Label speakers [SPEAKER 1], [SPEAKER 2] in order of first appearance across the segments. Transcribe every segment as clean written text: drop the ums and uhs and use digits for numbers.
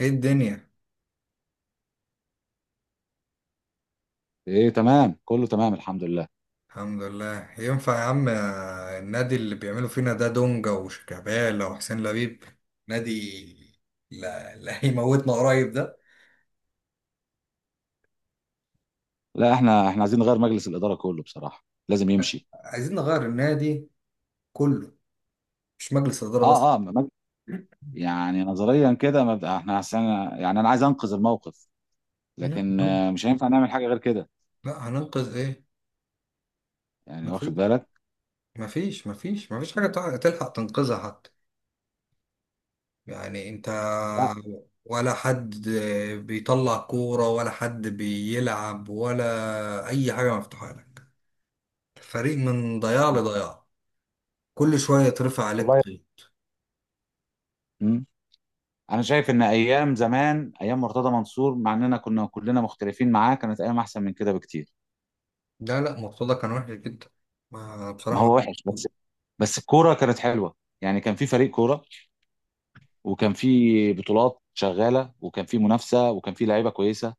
[SPEAKER 1] ايه الدنيا؟
[SPEAKER 2] ايه، تمام، كله تمام الحمد لله.
[SPEAKER 1] الحمد لله. ينفع يا عم النادي اللي بيعملوا فينا ده دونجا وشيكابالا وحسين لبيب نادي. لا, لا هيموتنا قريب ده.
[SPEAKER 2] لا، احنا عايزين نغير مجلس الاداره كله، بصراحه لازم يمشي.
[SPEAKER 1] عايزين نغير النادي كله، مش مجلس إدارة بس.
[SPEAKER 2] اه. يعني نظريا كده احنا عشان، يعني انا عايز انقذ الموقف،
[SPEAKER 1] لا
[SPEAKER 2] لكن مش هينفع نعمل حاجه غير كده،
[SPEAKER 1] لا، هننقذ ايه؟
[SPEAKER 2] يعني واخد
[SPEAKER 1] مفيش
[SPEAKER 2] بالك.
[SPEAKER 1] مفيش مفيش مفيش حاجة تلحق تنقذها حتى. يعني انت
[SPEAKER 2] لا
[SPEAKER 1] ولا حد بيطلع كورة ولا حد بيلعب ولا أي حاجة مفتوحة لك. الفريق من ضياع لضياع. كل شوية يترفع عليك
[SPEAKER 2] والله.
[SPEAKER 1] طين.
[SPEAKER 2] مم. انا شايف ان ايام زمان، ايام مرتضى منصور، مع اننا كنا كلنا مختلفين معاه كانت ايام احسن من كده بكتير.
[SPEAKER 1] لا لا مرتضى كان وحش جدا. ما
[SPEAKER 2] ما هو
[SPEAKER 1] بصراحة.
[SPEAKER 2] وحش بس، بس الكوره كانت حلوه، يعني كان في فريق كوره، وكان في بطولات شغاله، وكان في منافسه، وكان في لعيبه كويسه،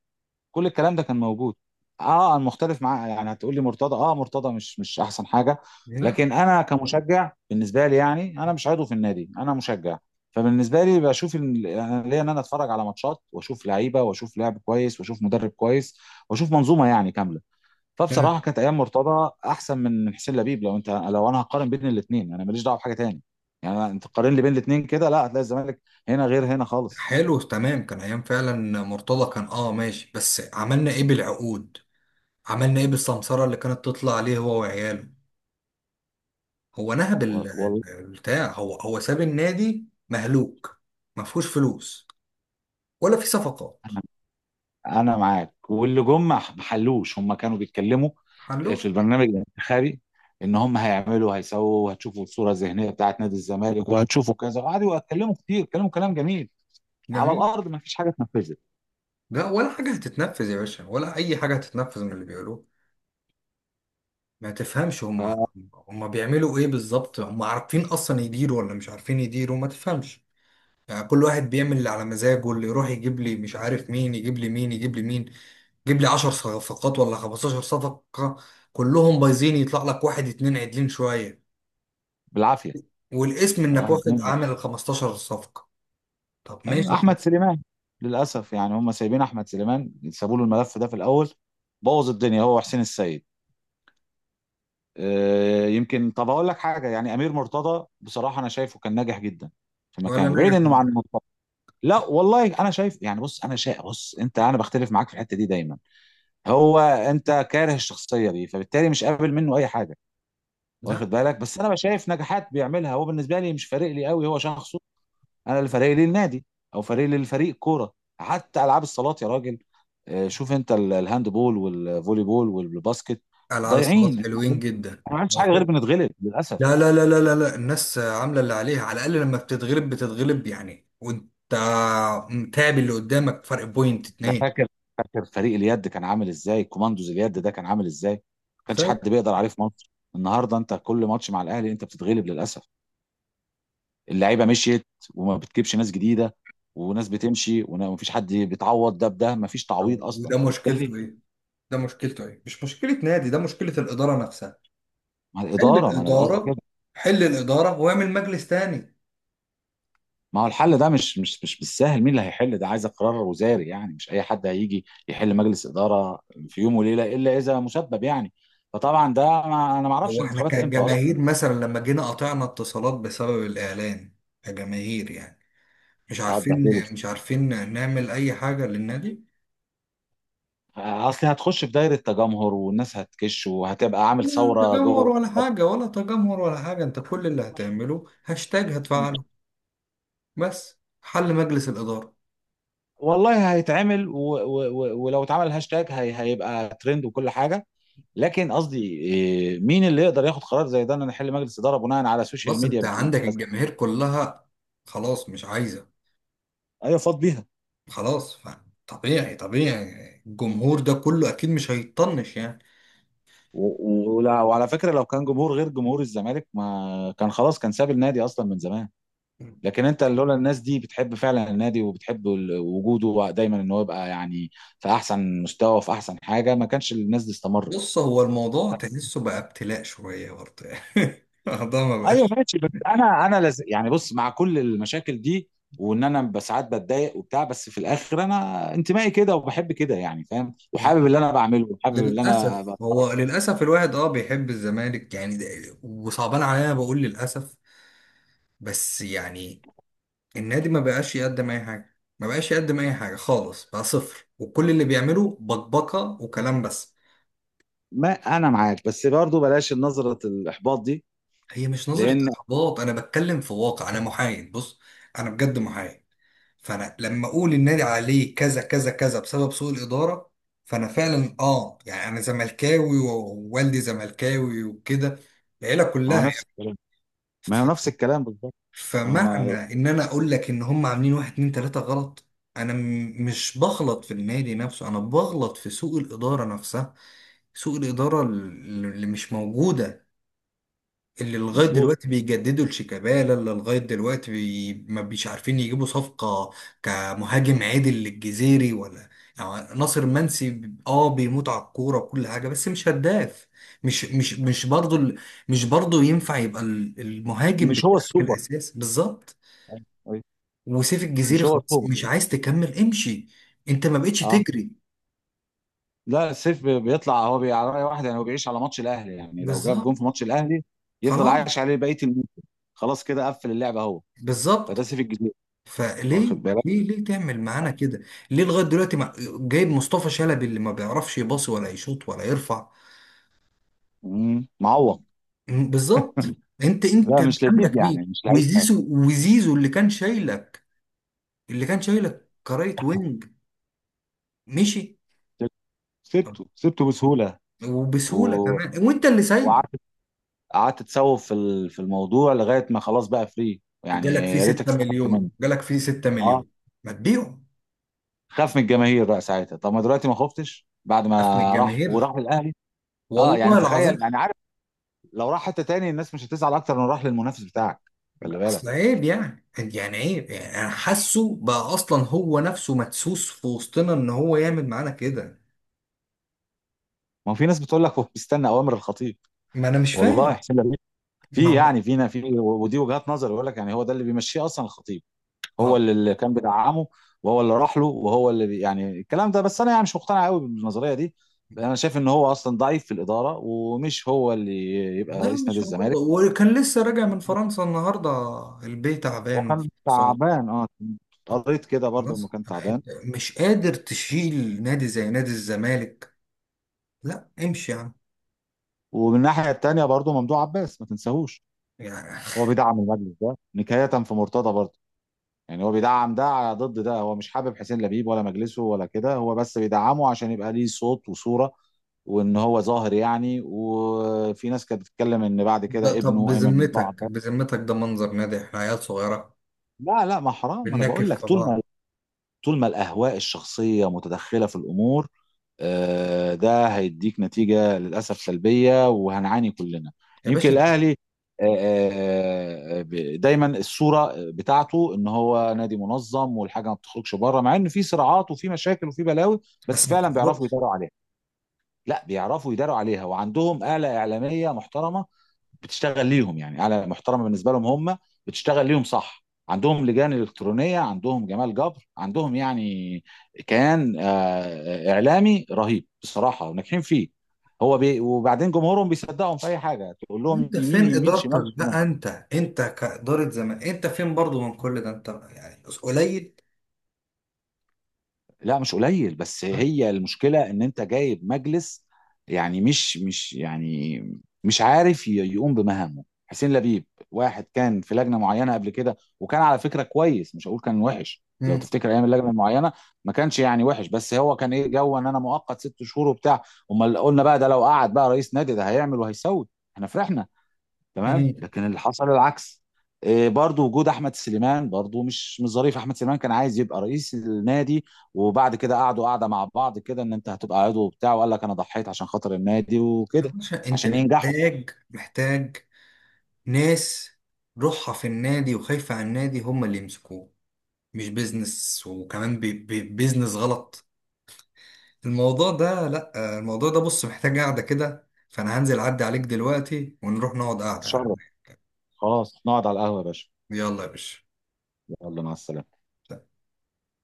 [SPEAKER 2] كل الكلام ده كان موجود. اه انا مختلف معاه يعني، هتقول لي مرتضى، اه مرتضى مش احسن حاجه،
[SPEAKER 1] لا
[SPEAKER 2] لكن انا كمشجع بالنسبه لي يعني، انا مش عضو في النادي، انا مشجع. فبالنسبه لي بشوف انا ليا ان انا اتفرج على ماتشات، واشوف لعيبه، واشوف لعب كويس، واشوف مدرب كويس، واشوف منظومه يعني كامله.
[SPEAKER 1] كان
[SPEAKER 2] فبصراحه كانت ايام مرتضى احسن من حسين لبيب، لو انت، لو انا هقارن بين الاثنين، انا ماليش دعوه بحاجه تاني، يعني انت تقارن لي بين الاثنين كده لا، هتلاقي الزمالك هنا غير هنا خالص.
[SPEAKER 1] حلو، تمام كان أيام فعلا. مرتضى كان ماشي، بس عملنا ايه بالعقود؟ عملنا ايه بالسمسرة اللي كانت تطلع عليه هو وعياله؟ هو نهب
[SPEAKER 2] والله
[SPEAKER 1] البتاع، هو ساب النادي مهلوك. ما فيهوش فلوس ولا في صفقات.
[SPEAKER 2] انا معاك، واللي جم ما حلوش، هم كانوا بيتكلموا
[SPEAKER 1] حلو.
[SPEAKER 2] في البرنامج الانتخابي ان هم هيعملوا، هيسووا، وهتشوفوا الصوره الذهنيه بتاعت نادي الزمالك، وهتشوفوا كذا، وقعدوا يتكلموا كتير، كلاموا كلام جميل. على
[SPEAKER 1] جميل.
[SPEAKER 2] الارض ما فيش حاجه اتنفذت
[SPEAKER 1] لا ولا حاجة هتتنفذ يا باشا، ولا أي حاجة هتتنفذ من اللي بيقولوه. ما تفهمش هم. هم بيعملوا ايه بالظبط؟ هم عارفين اصلا يديروا ولا مش عارفين يديروا؟ ما تفهمش. يعني كل واحد بيعمل اللي على مزاجه، اللي يروح يجيب لي مش عارف مين، يجيب لي مين، يجيب لي مين، يجيب لي 10 صفقات ولا 15 صفقة. كلهم بايظين، يطلع لك واحد اتنين عدلين شوية
[SPEAKER 2] بالعافيه،
[SPEAKER 1] والاسم انك
[SPEAKER 2] واحد
[SPEAKER 1] واخد
[SPEAKER 2] اتنين.
[SPEAKER 1] عامل ال 15 صفقة. طب
[SPEAKER 2] أيوة،
[SPEAKER 1] ماشي طب.
[SPEAKER 2] احمد سليمان للاسف، يعني هم سايبين احمد سليمان، سابوا له الملف ده في الاول، بوظ الدنيا هو وحسين السيد. يمكن، طب اقول لك حاجه، يعني امير مرتضى بصراحه انا شايفه كان ناجح جدا في
[SPEAKER 1] ولا
[SPEAKER 2] مكانه، بعيد
[SPEAKER 1] ناجح
[SPEAKER 2] انه عن، لا والله انا شايف يعني، بص انا شايف، بص انت، انا بختلف معاك في الحته دي دايما، هو انت كاره الشخصيه دي فبالتالي مش قابل منه اي حاجه،
[SPEAKER 1] لا.
[SPEAKER 2] واخد بالك؟ بس انا شايف نجاحات بيعملها هو، بالنسبه لي مش فارق لي قوي هو شخصه، انا اللي فارق لي النادي، او فارق لي الفريق كوره، حتى العاب الصالات يا راجل، شوف انت الهاند بول والفولي بول والباسكت،
[SPEAKER 1] العاب الصالات
[SPEAKER 2] ضايعين احنا،
[SPEAKER 1] حلوين جدا.
[SPEAKER 2] ما عملتش حاجه غير بنتغلب
[SPEAKER 1] لا
[SPEAKER 2] للاسف.
[SPEAKER 1] لا لا لا لا لا الناس عامله اللي عليها، على الاقل لما بتتغلب بتتغلب يعني، وانت متعب اللي قدامك فرق بوينت
[SPEAKER 2] انا
[SPEAKER 1] اتنين.
[SPEAKER 2] فاكر، فريق اليد كان عامل ازاي، كوماندوز اليد ده كان عامل ازاي، ما كانش
[SPEAKER 1] فاك.
[SPEAKER 2] حد بيقدر عليه في مصر. النهارده انت كل ماتش مع الاهلي انت بتتغلب للاسف، اللعيبه مشيت، وما بتجيبش ناس جديده، وناس بتمشي وما فيش حد بيتعوض، ده بده، ما فيش
[SPEAKER 1] طب
[SPEAKER 2] تعويض اصلا،
[SPEAKER 1] وده مشكلته
[SPEAKER 2] فبالتالي
[SPEAKER 1] ايه؟ ده مشكلته ايه؟ مش مشكله نادي، ده مشكله الاداره نفسها.
[SPEAKER 2] مع
[SPEAKER 1] حل
[SPEAKER 2] الاداره، ما انا قصدي كده.
[SPEAKER 1] الاداره. حل الاداره واعمل مجلس تاني.
[SPEAKER 2] ما هو الحل ده مش بالسهل، مين اللي هيحل ده؟ عايز قرار وزاري يعني، مش اي حد هيجي يحل مجلس اداره في يوم وليله الا اذا مسبب يعني، فطبعا ده، ما انا ما اعرفش
[SPEAKER 1] هو احنا
[SPEAKER 2] الانتخابات امتى اصلا.
[SPEAKER 1] كجماهير مثلا لما جينا قطعنا اتصالات بسبب الاعلان، كجماهير يعني، مش
[SPEAKER 2] اه
[SPEAKER 1] عارفين
[SPEAKER 2] اتبهدلوا،
[SPEAKER 1] مش عارفين نعمل اي حاجه للنادي.
[SPEAKER 2] اصل هتخش في دايره تجمهر، والناس هتكش، وهتبقى عامل
[SPEAKER 1] لا
[SPEAKER 2] ثوره
[SPEAKER 1] تجمهر
[SPEAKER 2] جوه.
[SPEAKER 1] ولا حاجة، ولا تجمهر ولا حاجة. انت كل اللي هتعمله هاشتاج هتفعله، بس حل مجلس الإدارة.
[SPEAKER 2] والله هيتعمل، ولو اتعمل هاشتاج هيبقى ترند وكل حاجه، لكن قصدي إيه، مين اللي يقدر ياخد قرار زي ده ان نحل مجلس اداره بناء على سوشيال
[SPEAKER 1] بس
[SPEAKER 2] ميديا
[SPEAKER 1] انت
[SPEAKER 2] بتقول
[SPEAKER 1] عندك
[SPEAKER 2] كذا؟
[SPEAKER 1] الجماهير كلها خلاص مش عايزة.
[SPEAKER 2] ايوه فاض بيها.
[SPEAKER 1] خلاص طبيعي طبيعي الجمهور ده كله أكيد مش هيطنش يعني.
[SPEAKER 2] وعلى فكره لو كان جمهور غير جمهور الزمالك ما كان، خلاص كان ساب النادي اصلا من زمان، لكن انت لولا الناس دي بتحب فعلا النادي، وبتحب وجوده دايما ان هو يبقى يعني في احسن مستوى وفي احسن حاجه، ما كانش الناس دي استمرت.
[SPEAKER 1] بص هو الموضوع تحسه بقى ابتلاء شوية برضه يعني الموضوع ما
[SPEAKER 2] ايوه
[SPEAKER 1] بقاش
[SPEAKER 2] ماشي، بس انا يعني بص، مع كل المشاكل دي، وان انا ساعات بتضايق وبتاع، بس في الاخر انا انتمائي كده، وبحب كده يعني، فاهم،
[SPEAKER 1] ما-
[SPEAKER 2] وحابب اللي انا بعمله، وحابب اللي انا
[SPEAKER 1] للأسف.
[SPEAKER 2] بتفرج،
[SPEAKER 1] هو للأسف الواحد بيحب الزمالك يعني، وصعبان عليا بقول للأسف، بس يعني النادي ما بقاش يقدم اي حاجه، ما بقاش يقدم اي حاجه خالص، بقى صفر، وكل اللي بيعمله بكبكه وكلام بس.
[SPEAKER 2] ما انا معاك، بس برضو بلاش نظره الاحباط دي
[SPEAKER 1] هي مش نظره
[SPEAKER 2] لان،
[SPEAKER 1] احباط، انا بتكلم في واقع، انا محايد بص. انا بجد محايد. فانا لما اقول النادي عليه كذا كذا كذا بسبب سوء الاداره، فانا فعلا يعني انا زملكاوي ووالدي زملكاوي وكده، العيله
[SPEAKER 2] ما هو
[SPEAKER 1] كلها
[SPEAKER 2] نفس الكلام، ما هو
[SPEAKER 1] يعني.
[SPEAKER 2] نفس الكلام بالظبط، ما هو
[SPEAKER 1] فمعنى
[SPEAKER 2] انا،
[SPEAKER 1] ان انا اقول لك ان هم عاملين واحد اتنين تلاتة غلط، انا مش بغلط في النادي نفسه، انا بغلط في سوء الادارة نفسها، سوء الإدارة اللي مش موجودة، اللي لغاية
[SPEAKER 2] مظبوط.
[SPEAKER 1] دلوقتي بيجددوا لشيكابالا، اللي لغاية دلوقتي ما بيش عارفين يجيبوا صفقة كمهاجم عادل للجزيري ولا. يعني ناصر منسي بيموت على الكورة وكل حاجة، بس مش هداف. مش برضه مش برضه ينفع يبقى المهاجم
[SPEAKER 2] مش هو
[SPEAKER 1] بتاعك
[SPEAKER 2] السوبر.
[SPEAKER 1] الأساسي بالظبط.
[SPEAKER 2] أيوة. أيوة.
[SPEAKER 1] وسيف الجزيري
[SPEAKER 2] مش هو
[SPEAKER 1] خلاص
[SPEAKER 2] السوبر.
[SPEAKER 1] مش عايز تكمل، امشي، انت ما بقتش
[SPEAKER 2] اه،
[SPEAKER 1] تجري.
[SPEAKER 2] لا، السيف بيطلع هو على رأي واحد يعني، هو بيعيش على ماتش الاهلي، يعني لو جاب
[SPEAKER 1] بالظبط.
[SPEAKER 2] جون في ماتش الاهلي يفضل
[SPEAKER 1] خلاص.
[SPEAKER 2] عايش عليه بقيه الموسم، خلاص كده قفل اللعبه هو، فده
[SPEAKER 1] بالظبط.
[SPEAKER 2] سيف الجزيرة، واخد
[SPEAKER 1] فليه
[SPEAKER 2] بالك؟
[SPEAKER 1] ليه ليه تعمل معانا كده؟ ليه لغايه دلوقتي ما جايب مصطفى شلبي اللي ما بيعرفش يباصي ولا يشوط ولا يرفع؟
[SPEAKER 2] معوق،
[SPEAKER 1] بالظبط. انت
[SPEAKER 2] لا مش لذيذ
[SPEAKER 1] عندك مين؟
[SPEAKER 2] يعني، مش لعيب حلو.
[SPEAKER 1] وزيزو، وزيزو اللي كان شايلك، اللي كان شايلك كرايت وينج، مشي.
[SPEAKER 2] سبت-
[SPEAKER 1] طب
[SPEAKER 2] سبته بسهوله، و...
[SPEAKER 1] وبسهوله كمان، وانت اللي سايبه،
[SPEAKER 2] وقعدت، قعدت تسوف في في الموضوع لغايه ما خلاص بقى فري، يعني
[SPEAKER 1] جالك فيه
[SPEAKER 2] يا ريتك
[SPEAKER 1] 6
[SPEAKER 2] استفدت منه،
[SPEAKER 1] مليون، جالك فيه 6
[SPEAKER 2] اه.
[SPEAKER 1] مليون، ما تبيعه.
[SPEAKER 2] خاف من الجماهير بقى ساعتها، طب ما دلوقتي ما خفتش بعد ما
[SPEAKER 1] ده من
[SPEAKER 2] راح،
[SPEAKER 1] الجماهير
[SPEAKER 2] وراح الاهلي، اه يعني
[SPEAKER 1] والله العظيم.
[SPEAKER 2] تخيل يعني، لو راح حته تاني الناس مش هتزعل اكتر من راح للمنافس بتاعك، خلي
[SPEAKER 1] اصل
[SPEAKER 2] بالك.
[SPEAKER 1] عيب يعني، يعني عيب، يعني انا حاسه بقى اصلا هو نفسه مدسوس في وسطنا ان هو يعمل معانا كده.
[SPEAKER 2] ما هو في ناس بتقول لك هو بيستنى اوامر الخطيب،
[SPEAKER 1] ما انا مش
[SPEAKER 2] والله
[SPEAKER 1] فاهم.
[SPEAKER 2] حسين لبيب
[SPEAKER 1] ما
[SPEAKER 2] في
[SPEAKER 1] هو
[SPEAKER 2] يعني فينا في ودي وجهات نظر، يقول لك يعني هو ده اللي بيمشيه اصلا الخطيب،
[SPEAKER 1] ما
[SPEAKER 2] هو
[SPEAKER 1] هو-
[SPEAKER 2] اللي كان بيدعمه، وهو اللي راح له، وهو اللي يعني، الكلام ده، بس انا يعني مش مقتنع قوي بالنظريه دي، انا شايف ان هو اصلا ضعيف في الاداره، ومش هو اللي يبقى
[SPEAKER 1] لا
[SPEAKER 2] رئيس نادي
[SPEAKER 1] مش موجود،
[SPEAKER 2] الزمالك،
[SPEAKER 1] وكان لسه راجع من فرنسا النهارده. البيت
[SPEAKER 2] هو
[SPEAKER 1] تعبان في
[SPEAKER 2] كان
[SPEAKER 1] الاقتصاد.
[SPEAKER 2] تعبان اه،
[SPEAKER 1] طب
[SPEAKER 2] قريت كده برضه انه
[SPEAKER 1] خلاص،
[SPEAKER 2] كان تعبان.
[SPEAKER 1] أنت مش قادر تشيل نادي زي نادي الزمالك، لا امشي يا عم
[SPEAKER 2] ومن الناحيه التانيه برضه ممدوح عباس ما تنساهوش،
[SPEAKER 1] يعني.
[SPEAKER 2] هو بيدعم المجلس ده نكاية في مرتضى برضه، يعني هو بيدعم ده على ضد ده، هو مش حابب حسين لبيب ولا مجلسه ولا كده، هو بس بيدعمه عشان يبقى ليه صوت وصورة، وان هو ظاهر يعني، وفي ناس كانت بتتكلم ان بعد
[SPEAKER 1] ده
[SPEAKER 2] كده
[SPEAKER 1] طب
[SPEAKER 2] ابنه ايمن
[SPEAKER 1] بذمتك،
[SPEAKER 2] بعد،
[SPEAKER 1] بذمتك ده منظر نادي؟ احنا عيال صغيره
[SPEAKER 2] لا لا ما حرام، انا بقول
[SPEAKER 1] بننكف
[SPEAKER 2] لك
[SPEAKER 1] في
[SPEAKER 2] طول ما،
[SPEAKER 1] بعض.
[SPEAKER 2] طول ما الاهواء الشخصيه متدخله في الامور، ده هيديك نتيجة للأسف سلبية وهنعاني كلنا.
[SPEAKER 1] يا
[SPEAKER 2] يمكن
[SPEAKER 1] باشا انت
[SPEAKER 2] الأهلي، دايما الصورة بتاعته ان هو نادي منظم، والحاجة ما بتخرجش بره، مع ان في صراعات وفي مشاكل وفي بلاوي، بس
[SPEAKER 1] بس، ما
[SPEAKER 2] فعلا بيعرفوا يداروا عليها. لا بيعرفوا يداروا عليها، وعندهم آلة إعلامية محترمة بتشتغل ليهم، يعني اعلى محترمه بالنسبه لهم هم، بتشتغل ليهم صح، عندهم لجان الكترونيه، عندهم جمال جبر، عندهم يعني كيان اعلامي رهيب بصراحه، وناجحين فيه، هو وبعدين جمهورهم بيصدقهم في اي حاجه، تقول لهم
[SPEAKER 1] انت
[SPEAKER 2] يمين
[SPEAKER 1] فين
[SPEAKER 2] يمين، شمال
[SPEAKER 1] ادارتك
[SPEAKER 2] شمال.
[SPEAKER 1] بقى؟ انت كاداره زمان، انت فين برضو من كل ده؟ انت يعني قليل.
[SPEAKER 2] لا مش قليل، بس
[SPEAKER 1] طيب.
[SPEAKER 2] هي المشكلة ان انت جايب مجلس يعني، مش يعني مش عارف يقوم بمهامه حسين لبيب. واحد كان في لجنة معينة قبل كده، وكان على فكرة كويس، مش هقول كان وحش، لو
[SPEAKER 1] مم.
[SPEAKER 2] تفتكر ايام اللجنة المعينة، ما كانش يعني وحش، بس هو كان ايه جو ان انا مؤقت 6 شهور وبتاع، امال قلنا بقى ده لو قعد بقى رئيس نادي ده هيعمل وهيسوي، احنا فرحنا تمام،
[SPEAKER 1] مم.
[SPEAKER 2] لكن اللي حصل العكس. إيه، برضو وجود احمد سليمان برضو مش ظريف، احمد سليمان كان عايز يبقى رئيس النادي، وبعد كده قعدوا قعده مع بعض كده ان انت هتبقى عضو وبتاع، وقال لك انا ضحيت عشان خاطر النادي
[SPEAKER 1] يا
[SPEAKER 2] وكده،
[SPEAKER 1] باشا انت
[SPEAKER 2] عشان ينجحوا.
[SPEAKER 1] محتاج، محتاج ناس روحها في النادي وخايفة على النادي هم اللي يمسكوه، مش بيزنس، وكمان بي بي بيزنس غلط. الموضوع ده، لا الموضوع ده بص محتاج قعدة كده، فانا هنزل اعدي عليك دلوقتي ونروح نقعد قعدة.
[SPEAKER 2] اتشرف، خلاص نقعد على القهوه يا باشا،
[SPEAKER 1] يلا يا باشا.
[SPEAKER 2] يلا مع السلامه.